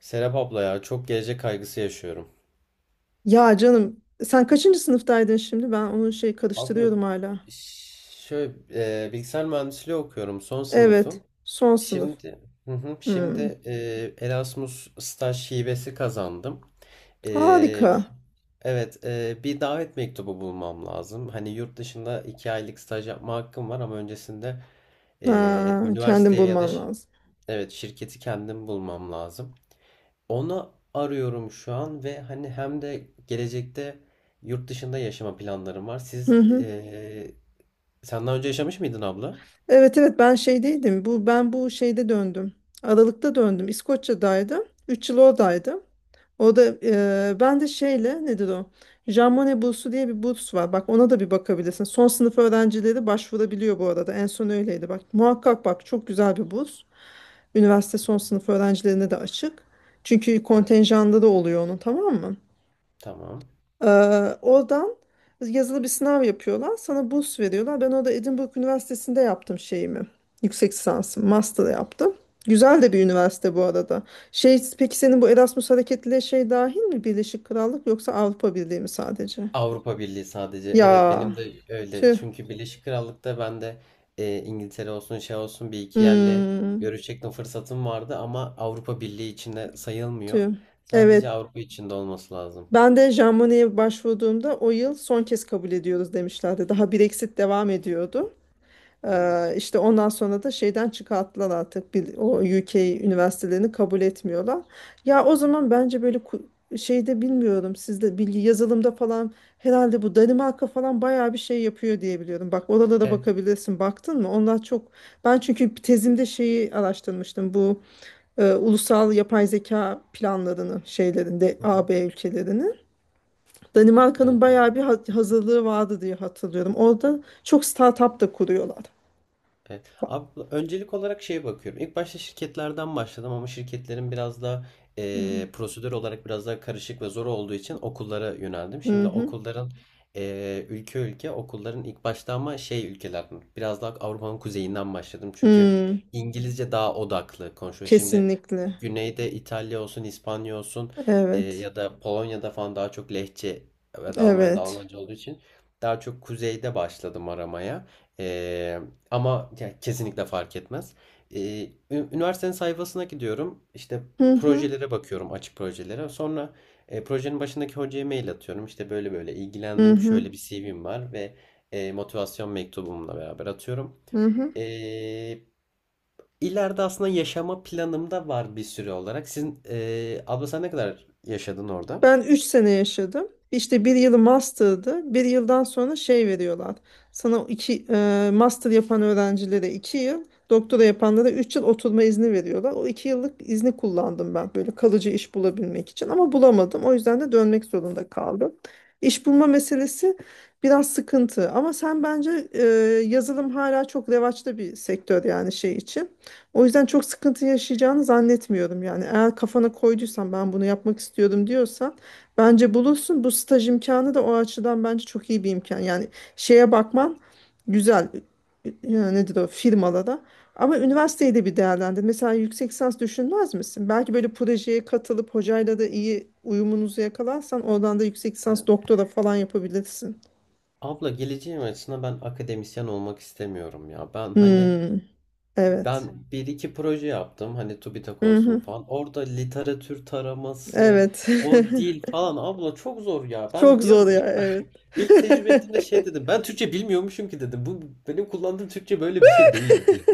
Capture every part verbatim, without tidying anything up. Serap abla ya çok gelecek kaygısı yaşıyorum. Ya canım sen kaçıncı sınıftaydın şimdi? Ben onu şey Abla, karıştırıyorum hala. ş- şöyle e, bilgisayar mühendisliği okuyorum, son Evet, sınıfım. son sınıf. Şimdi hı hı, Hmm. şimdi e, Erasmus staj hibesi kazandım. E, Harika. evet, e, bir davet mektubu bulmam lazım. Hani yurt dışında iki aylık staj yapma hakkım var ama öncesinde e, Ha, kendin üniversiteye ya da bulman ş- lazım. evet, şirketi kendim bulmam lazım. Onu arıyorum şu an ve hani hem de gelecekte yurt dışında yaşama planlarım var. Hı Siz hı. Eee sen daha önce yaşamış mıydın abla? Evet, evet, ben şeydeydim. Bu ben bu şeyde döndüm. Aralık'ta döndüm. İskoçya'daydım. Üç yıl oradaydım. O da e, ben de şeyle nedir o? Jean Monnet bursu diye bir burs var. Bak ona da bir bakabilirsin. Son sınıf öğrencileri başvurabiliyor bu arada. En son öyleydi. Bak muhakkak bak, çok güzel bir burs. Üniversite son sınıf öğrencilerine de açık. Çünkü Evet. kontenjanda da oluyor onun, tamam mı? Tamam. Ee, Oradan yazılı bir sınav yapıyorlar. Sana burs veriyorlar. Ben orada Edinburgh Üniversitesi'nde yaptım şeyimi. Yüksek lisansım, master yaptım. Güzel de bir üniversite bu arada. Şey, peki senin bu Erasmus hareketliliğe şey dahil mi? Birleşik Krallık yoksa Avrupa Birliği mi sadece? Avrupa Birliği sadece. Evet, Ya benim de öyle. tüh. Çünkü Birleşik Krallık'ta ben de eee, İngiltere olsun, şey olsun bir iki yerle Hmm, görüşecektim, fırsatım vardı ama Avrupa Birliği içinde sayılmıyor. tüh. Evet, Sadece Avrupa içinde olması lazım. Ben de Jean Monnet'e başvurduğumda o yıl son kez kabul ediyoruz demişlerdi. Daha Brexit devam ediyordu. Hmm. Ee, işte ondan sonra da şeyden çıkarttılar artık bir, o U K üniversitelerini kabul etmiyorlar. Ya o zaman bence böyle ku- şeyde bilmiyorum sizde bilgi yazılımda falan herhalde bu Danimarka falan bayağı bir şey yapıyor diye biliyorum. Bak oralara Evet. bakabilirsin. Baktın mı? Onlar çok, ben çünkü tezimde şeyi araştırmıştım. Bu e, ulusal yapay zeka planlarını şeylerinde Hı hı. A B ülkelerini. Danimarka'nın Evet, bayağı bir ha- hazırlığı vardı diye hatırlıyorum. Orada çok startup da kuruyorlar. evet. Abi, öncelik olarak şeye bakıyorum. İlk başta şirketlerden başladım ama şirketlerin biraz da Hmm. eee, prosedür olarak biraz daha karışık ve zor olduğu için okullara yöneldim. Hı Şimdi hı. okulların eee, ülke ülke okulların ilk başta, ama şey ülkeler biraz daha Avrupa'nın kuzeyinden başladım. Çünkü Hmm. İngilizce daha odaklı konuşuyor. Şimdi Kesinlikle. güneyde İtalya olsun, İspanya olsun e, Evet. ya da Polonya'da falan daha çok lehçe ve de Almanya'da Evet. Almanca olduğu için daha çok kuzeyde başladım aramaya. E, Ama ya, kesinlikle fark etmez. E, ü- Üniversitenin sayfasına gidiyorum. İşte projelere bakıyorum, açık projelere. Sonra e, projenin başındaki hocaya mail atıyorum. İşte böyle böyle Hı ilgilendim. hı. Şöyle bir C V'm var ve e, motivasyon mektubumla beraber atıyorum. Hı hı. Hı hı. E, İleride aslında yaşama planımda var bir süre olarak. Sizin eee, Abla, sen ne kadar yaşadın orada? Ben üç sene yaşadım. İşte bir yılı master'dı. Bir yıldan sonra şey veriyorlar. Sana iki, e, master yapan öğrencilere iki yıl, doktora yapanlara üç yıl oturma izni veriyorlar. O iki yıllık izni kullandım ben böyle kalıcı iş bulabilmek için ama bulamadım. O yüzden de dönmek zorunda kaldım. İş bulma meselesi biraz sıkıntı ama sen bence e, yazılım hala çok revaçta bir sektör yani şey için. O yüzden çok sıkıntı yaşayacağını zannetmiyorum yani. Eğer kafana koyduysan ben bunu yapmak istiyorum diyorsan Bence bulursun. Bu staj imkanı da o açıdan bence çok iyi bir imkan. Yani şeye bakman güzel. Yani nedir o firmalara. Ama üniversiteyi de bir değerlendir. Mesela yüksek lisans düşünmez misin? Belki böyle projeye katılıp hocayla da iyi uyumunuzu yakalarsan oradan da yüksek lisans Evet. doktora falan yapabilirsin. Abla, geleceğim açısından ben akademisyen olmak istemiyorum ya. Ben hani Hmm, evet. ben bir iki proje yaptım, hani TÜBİTAK Hı olsun hı, falan. Orada literatür taraması, evet. o dil falan abla çok zor ya. Ben Çok diyorum zor ya, ilk, evet. ilk tecrübe ettiğimde şey dedim. Ben Türkçe bilmiyormuşum ki dedim. Bu benim kullandığım Türkçe böyle bir şey değil.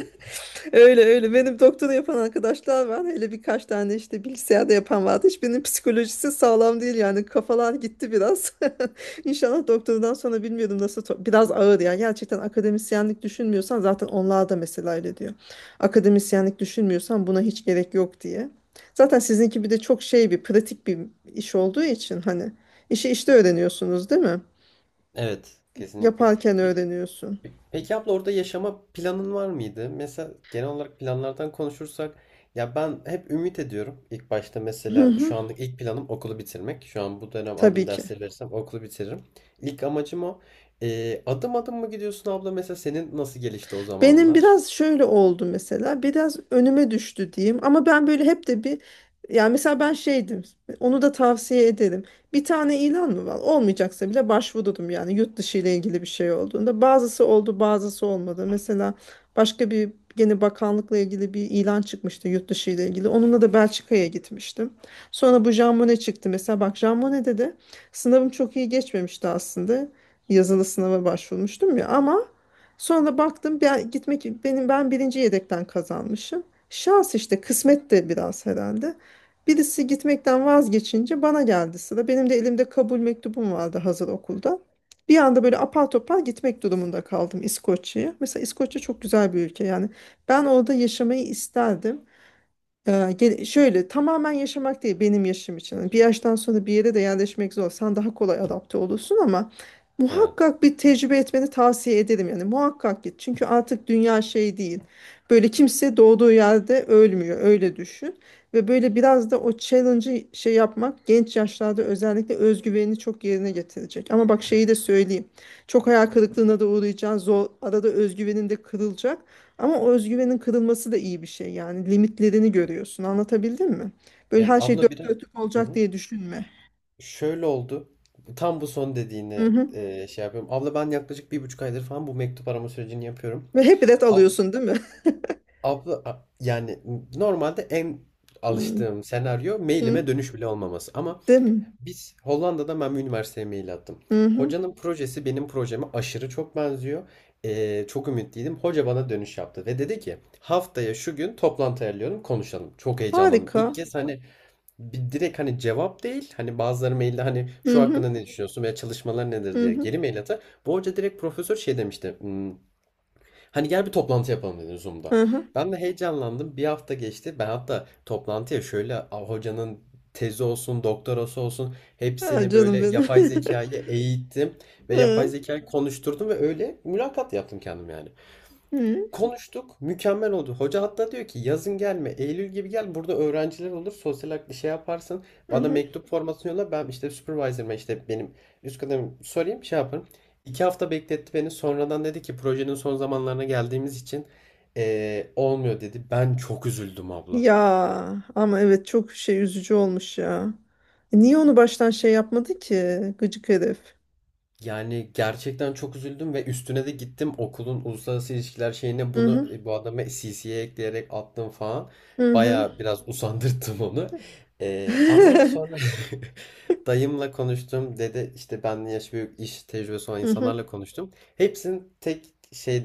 Öyle öyle. Benim doktora yapan arkadaşlar var. Hele birkaç tane işte bilgisayarda yapan vardı. Hiçbirinin psikolojisi sağlam değil yani. Kafalar gitti biraz. İnşallah doktordan sonra bilmiyorum nasıl. to- Biraz ağır yani. Gerçekten akademisyenlik düşünmüyorsan zaten onlar da mesela öyle diyor. Akademisyenlik düşünmüyorsan buna hiç gerek yok diye. Zaten sizinki bir de çok şey bir pratik bir iş olduğu için hani işi işte öğreniyorsunuz değil mi? Evet, kesinlikle. Yaparken Peki, öğreniyorsun. peki abla, orada yaşama planın var mıydı? Mesela genel olarak planlardan konuşursak, ya ben hep ümit ediyorum. İlk başta Hı mesela hı. şu anlık ilk planım okulu bitirmek. Şu an bu dönem aldığım Tabii ki. dersleri verirsem okulu bitiririm. İlk amacım o. Ee, adım adım mı gidiyorsun abla? Mesela senin nasıl gelişti o Benim zamanlar? biraz şöyle oldu mesela. Biraz önüme düştü diyeyim. Ama ben böyle hep de bir, yani mesela ben şeydim. Onu da tavsiye ederim. Bir tane ilan mı var, olmayacaksa bile başvurdum yani yurt dışı ile ilgili bir şey olduğunda. Bazısı oldu, bazısı olmadı. Mesela başka bir, gene bakanlıkla ilgili bir ilan çıkmıştı yurt dışı ile ilgili. Onunla da Belçika'ya gitmiştim. Sonra bu Jean Monnet çıktı. Mesela bak Jean Monnet'de de sınavım çok iyi geçmemişti aslında. Yazılı sınava başvurmuştum ya, ama Sonra baktım ben gitmek benim ben birinci yedekten kazanmışım. Şans işte, kısmet de biraz herhalde. Birisi gitmekten vazgeçince bana geldi sıra. Benim de elimde kabul mektubum vardı hazır okulda. Bir anda böyle apar topar gitmek durumunda kaldım İskoçya'ya. Mesela İskoçya çok güzel bir ülke yani. Ben orada yaşamayı isterdim. Ee, gel- şöyle tamamen yaşamak değil benim yaşım için. Hani Bir yaştan sonra bir yere de yerleşmek zor. Sen daha kolay adapte olursun ama Evet. muhakkak bir tecrübe etmeni tavsiye ederim. Yani muhakkak git. Çünkü artık dünya şey değil. Böyle kimse doğduğu yerde ölmüyor. Öyle düşün. Ve böyle biraz da o challenge'ı şey yapmak genç yaşlarda özellikle özgüvenini çok yerine getirecek. Ama bak şeyi de söyleyeyim. Çok hayal kırıklığına da uğrayacaksın. Zor, arada özgüvenin de kırılacak. Ama o özgüvenin kırılması da iyi bir şey yani, limitlerini görüyorsun, anlatabildim mi? Böyle her Evet şey abla, dört biraz, dörtlük hı olacak hı, diye düşünme. şöyle oldu. Tam bu son Hı dediğini hı. e, şey yapıyorum. Abla, ben yaklaşık bir buçuk aydır falan bu mektup arama sürecini yapıyorum. Ve hep ret Abla, alıyorsun değil mi? abla, a- yani normalde en Hı alıştığım senaryo hı. mailime dönüş bile olmaması. Ama Değil mi? biz Hollanda'da ben bir üniversiteye mail attım. Hı hı. Hocanın projesi benim projeme aşırı çok benziyor. E, çok ümitliydim. Hoca bana dönüş yaptı ve dedi ki haftaya şu gün toplantı ayarlıyorum, konuşalım. Çok heyecanlandım. Harika. İlk kez, hani bir direkt hani cevap değil, hani bazıları mailde hani Hı şu hı. hakkında ne düşünüyorsun veya çalışmalar nedir Hı diye hı. geri mail atar. Bu hoca direkt profesör şey demişti. Hmm, hani gel bir toplantı yapalım dedi Zoom'da. Hı hı. Ben de heyecanlandım. Bir hafta geçti. Ben hatta toplantıya şöyle a, hocanın tezi olsun, doktorası olsun Ha, hepsini böyle canım benim. yapay zekayı eğittim Hı ve yapay hı. zekayı konuşturdum ve öyle mülakat yaptım kendim yani. Konuştuk. Mükemmel oldu. Hoca hatta diyor ki yazın gelme, Eylül gibi gel. Burada öğrenciler olur. Sosyal hak- bir şey yaparsın. Hı Bana hı. mektup formatını yolla. Ben işte supervisor'ıma, işte benim üst kademim sorayım, şey yaparım. İki hafta bekletti beni. Sonradan dedi ki projenin son zamanlarına geldiğimiz için eee, olmuyor dedi. Ben çok üzüldüm abla. Ya ama evet, çok şey üzücü olmuş ya. E, Niye onu baştan şey yapmadı ki gıcık herif? Yani gerçekten çok üzüldüm ve üstüne de gittim, okulun uluslararası ilişkiler şeyine Hı bunu, hı. e, bu adama C C'ye ekleyerek attım falan. Hı hı. Baya biraz usandırttım onu. Ee, ama sonra dayımla konuştum. Dede, işte benden yaş büyük iş tecrübesi olan Hı hı. insanlarla konuştum. Hepsinin tek şey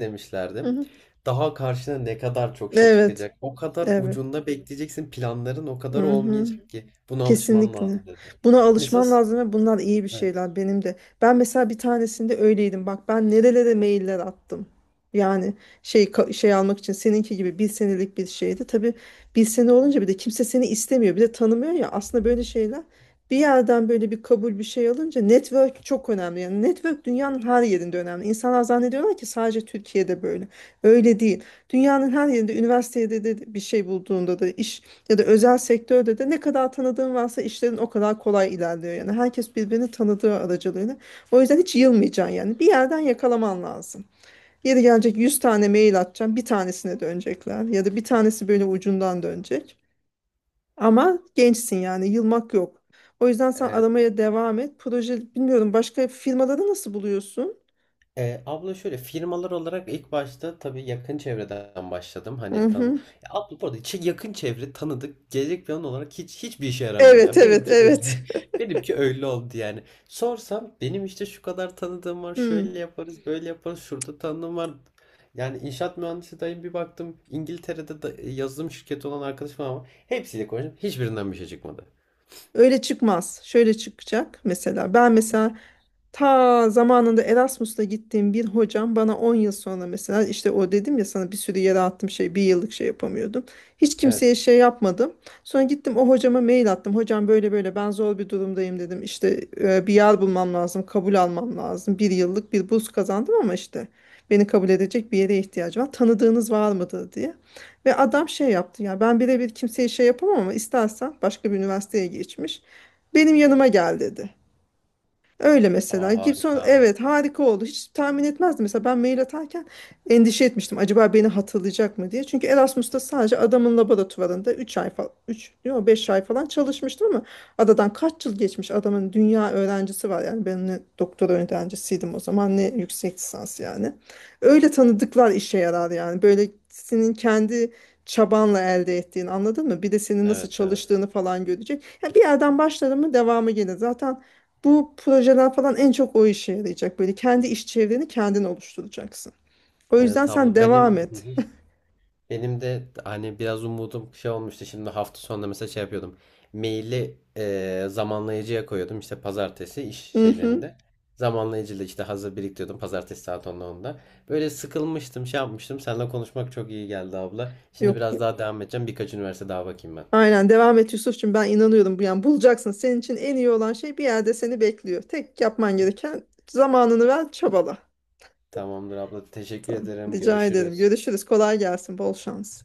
Hı demişlerdi. hı. Daha karşına ne kadar çok şey Evet. çıkacak, o kadar Evet. ucunda bekleyeceksin. Planların o kadar Mhm. olmayacak ki. Buna alışman Kesinlikle. lazım dedi. Buna Mesela alışman lazım ve bunlar iyi bir evet. şeyler benim de. Ben mesela bir tanesinde öyleydim. Bak ben nerelere mailler attım. Yani şey ka- şey almak için seninki gibi bir senelik bir şeydi. Tabii bir sene olunca bir de kimse seni istemiyor, bir de tanımıyor ya. Aslında böyle şeyler bir yerden böyle bir kabul bir şey alınca network çok önemli. Yani network dünyanın her yerinde önemli. İnsanlar zannediyorlar ki sadece Türkiye'de böyle. Öyle değil. Dünyanın her yerinde üniversitede de bir şey bulduğunda da iş ya da özel sektörde de ne kadar tanıdığın varsa işlerin o kadar kolay ilerliyor yani. Herkes birbirini tanıdığı aracılığıyla. O yüzden hiç yılmayacaksın yani. Bir yerden yakalaman lazım. Yeri gelecek yüz tane mail atacaksın. Bir tanesine dönecekler ya da bir tanesi böyle ucundan dönecek. Ama gençsin yani, yılmak yok. O yüzden sen aramaya devam et. Proje bilmiyorum, başka firmaları nasıl buluyorsun? Eee, abla, şöyle firmalar olarak ilk başta tabii yakın çevreden başladım. Hı Hani tan. hı. Ya abla, bu arada çe- yakın çevre tanıdık gelecek plan olarak hiç hiçbir işe yaramıyor Evet, yani. evet, Benimki öyle. evet. Benimki öyle oldu yani. Sorsam, benim işte şu kadar tanıdığım var. Hmm. Şöyle yaparız, böyle yaparız. Şurada tanıdığım var. Yani inşaat mühendisi dayım, bir baktım. İngiltere'de da yazılım şirketi olan arkadaşım var ama hepsiyle konuştum. Hiçbirinden bir şey çıkmadı. Öyle çıkmaz. Şöyle çıkacak mesela. Ben mesela Ta zamanında Erasmus'ta gittiğim bir hocam bana on yıl sonra mesela işte o dedim ya sana bir sürü yere attım şey bir yıllık şey yapamıyordum. Hiç kimseye Evet. şey yapmadım. Sonra gittim o hocama mail attım. Hocam böyle böyle ben zor bir durumdayım dedim. İşte e, bir yer bulmam lazım, kabul almam lazım. Bir yıllık bir burs kazandım ama işte beni kabul edecek bir yere ihtiyacım var. Tanıdığınız var mıdır diye. Ve adam şey yaptı ya ben birebir kimseye şey yapamam ama istersen başka bir üniversiteye geçmiş. Benim yanıma gel dedi. Öyle Aa, mesela. Gibson, harika. evet, harika oldu. Hiç tahmin etmezdim. Mesela ben mail atarken endişe etmiştim. Acaba beni hatırlayacak mı diye. Çünkü Erasmus'ta sadece adamın laboratuvarında üç ay falan, üç yok, beş ay falan çalışmıştım ama adadan kaç yıl geçmiş adamın dünya öğrencisi var. Yani ben ne doktora öğrencisiydim o zaman ne yüksek lisans yani. Öyle tanıdıklar işe yarar yani. Böyle senin kendi çabanla elde ettiğini anladın mı? Bir de senin nasıl Evet, evet. çalıştığını falan görecek. Yani bir yerden başladın mı devamı gelir. Zaten bu projeler falan en çok o işe yarayacak. Böyle kendi iş çevreni kendin oluşturacaksın. O yüzden Evet sen abla, devam benim et. Benim de hani biraz umudum şey olmuştu. Şimdi hafta sonunda mesela şey yapıyordum. Maili e, zamanlayıcıya koyuyordum. İşte pazartesi iş Hı hı. şeylerinde. Zamanlayıcıyla işte hazır biriktiriyordum. Pazartesi saat onda onda. Böyle sıkılmıştım, şey yapmıştım. Seninle konuşmak çok iyi geldi abla. Şimdi Yok, biraz yok. daha devam edeceğim. Birkaç üniversite daha bakayım ben. Aynen devam et Yusuf'cum, ben inanıyorum bu yani bulacaksın. Senin için en iyi olan şey bir yerde seni bekliyor. Tek yapman gereken zamanını ver, çabala. Tamamdır abla. Teşekkür Tamam. ederim. Rica ederim. Görüşürüz. Görüşürüz. Kolay gelsin. Bol şans.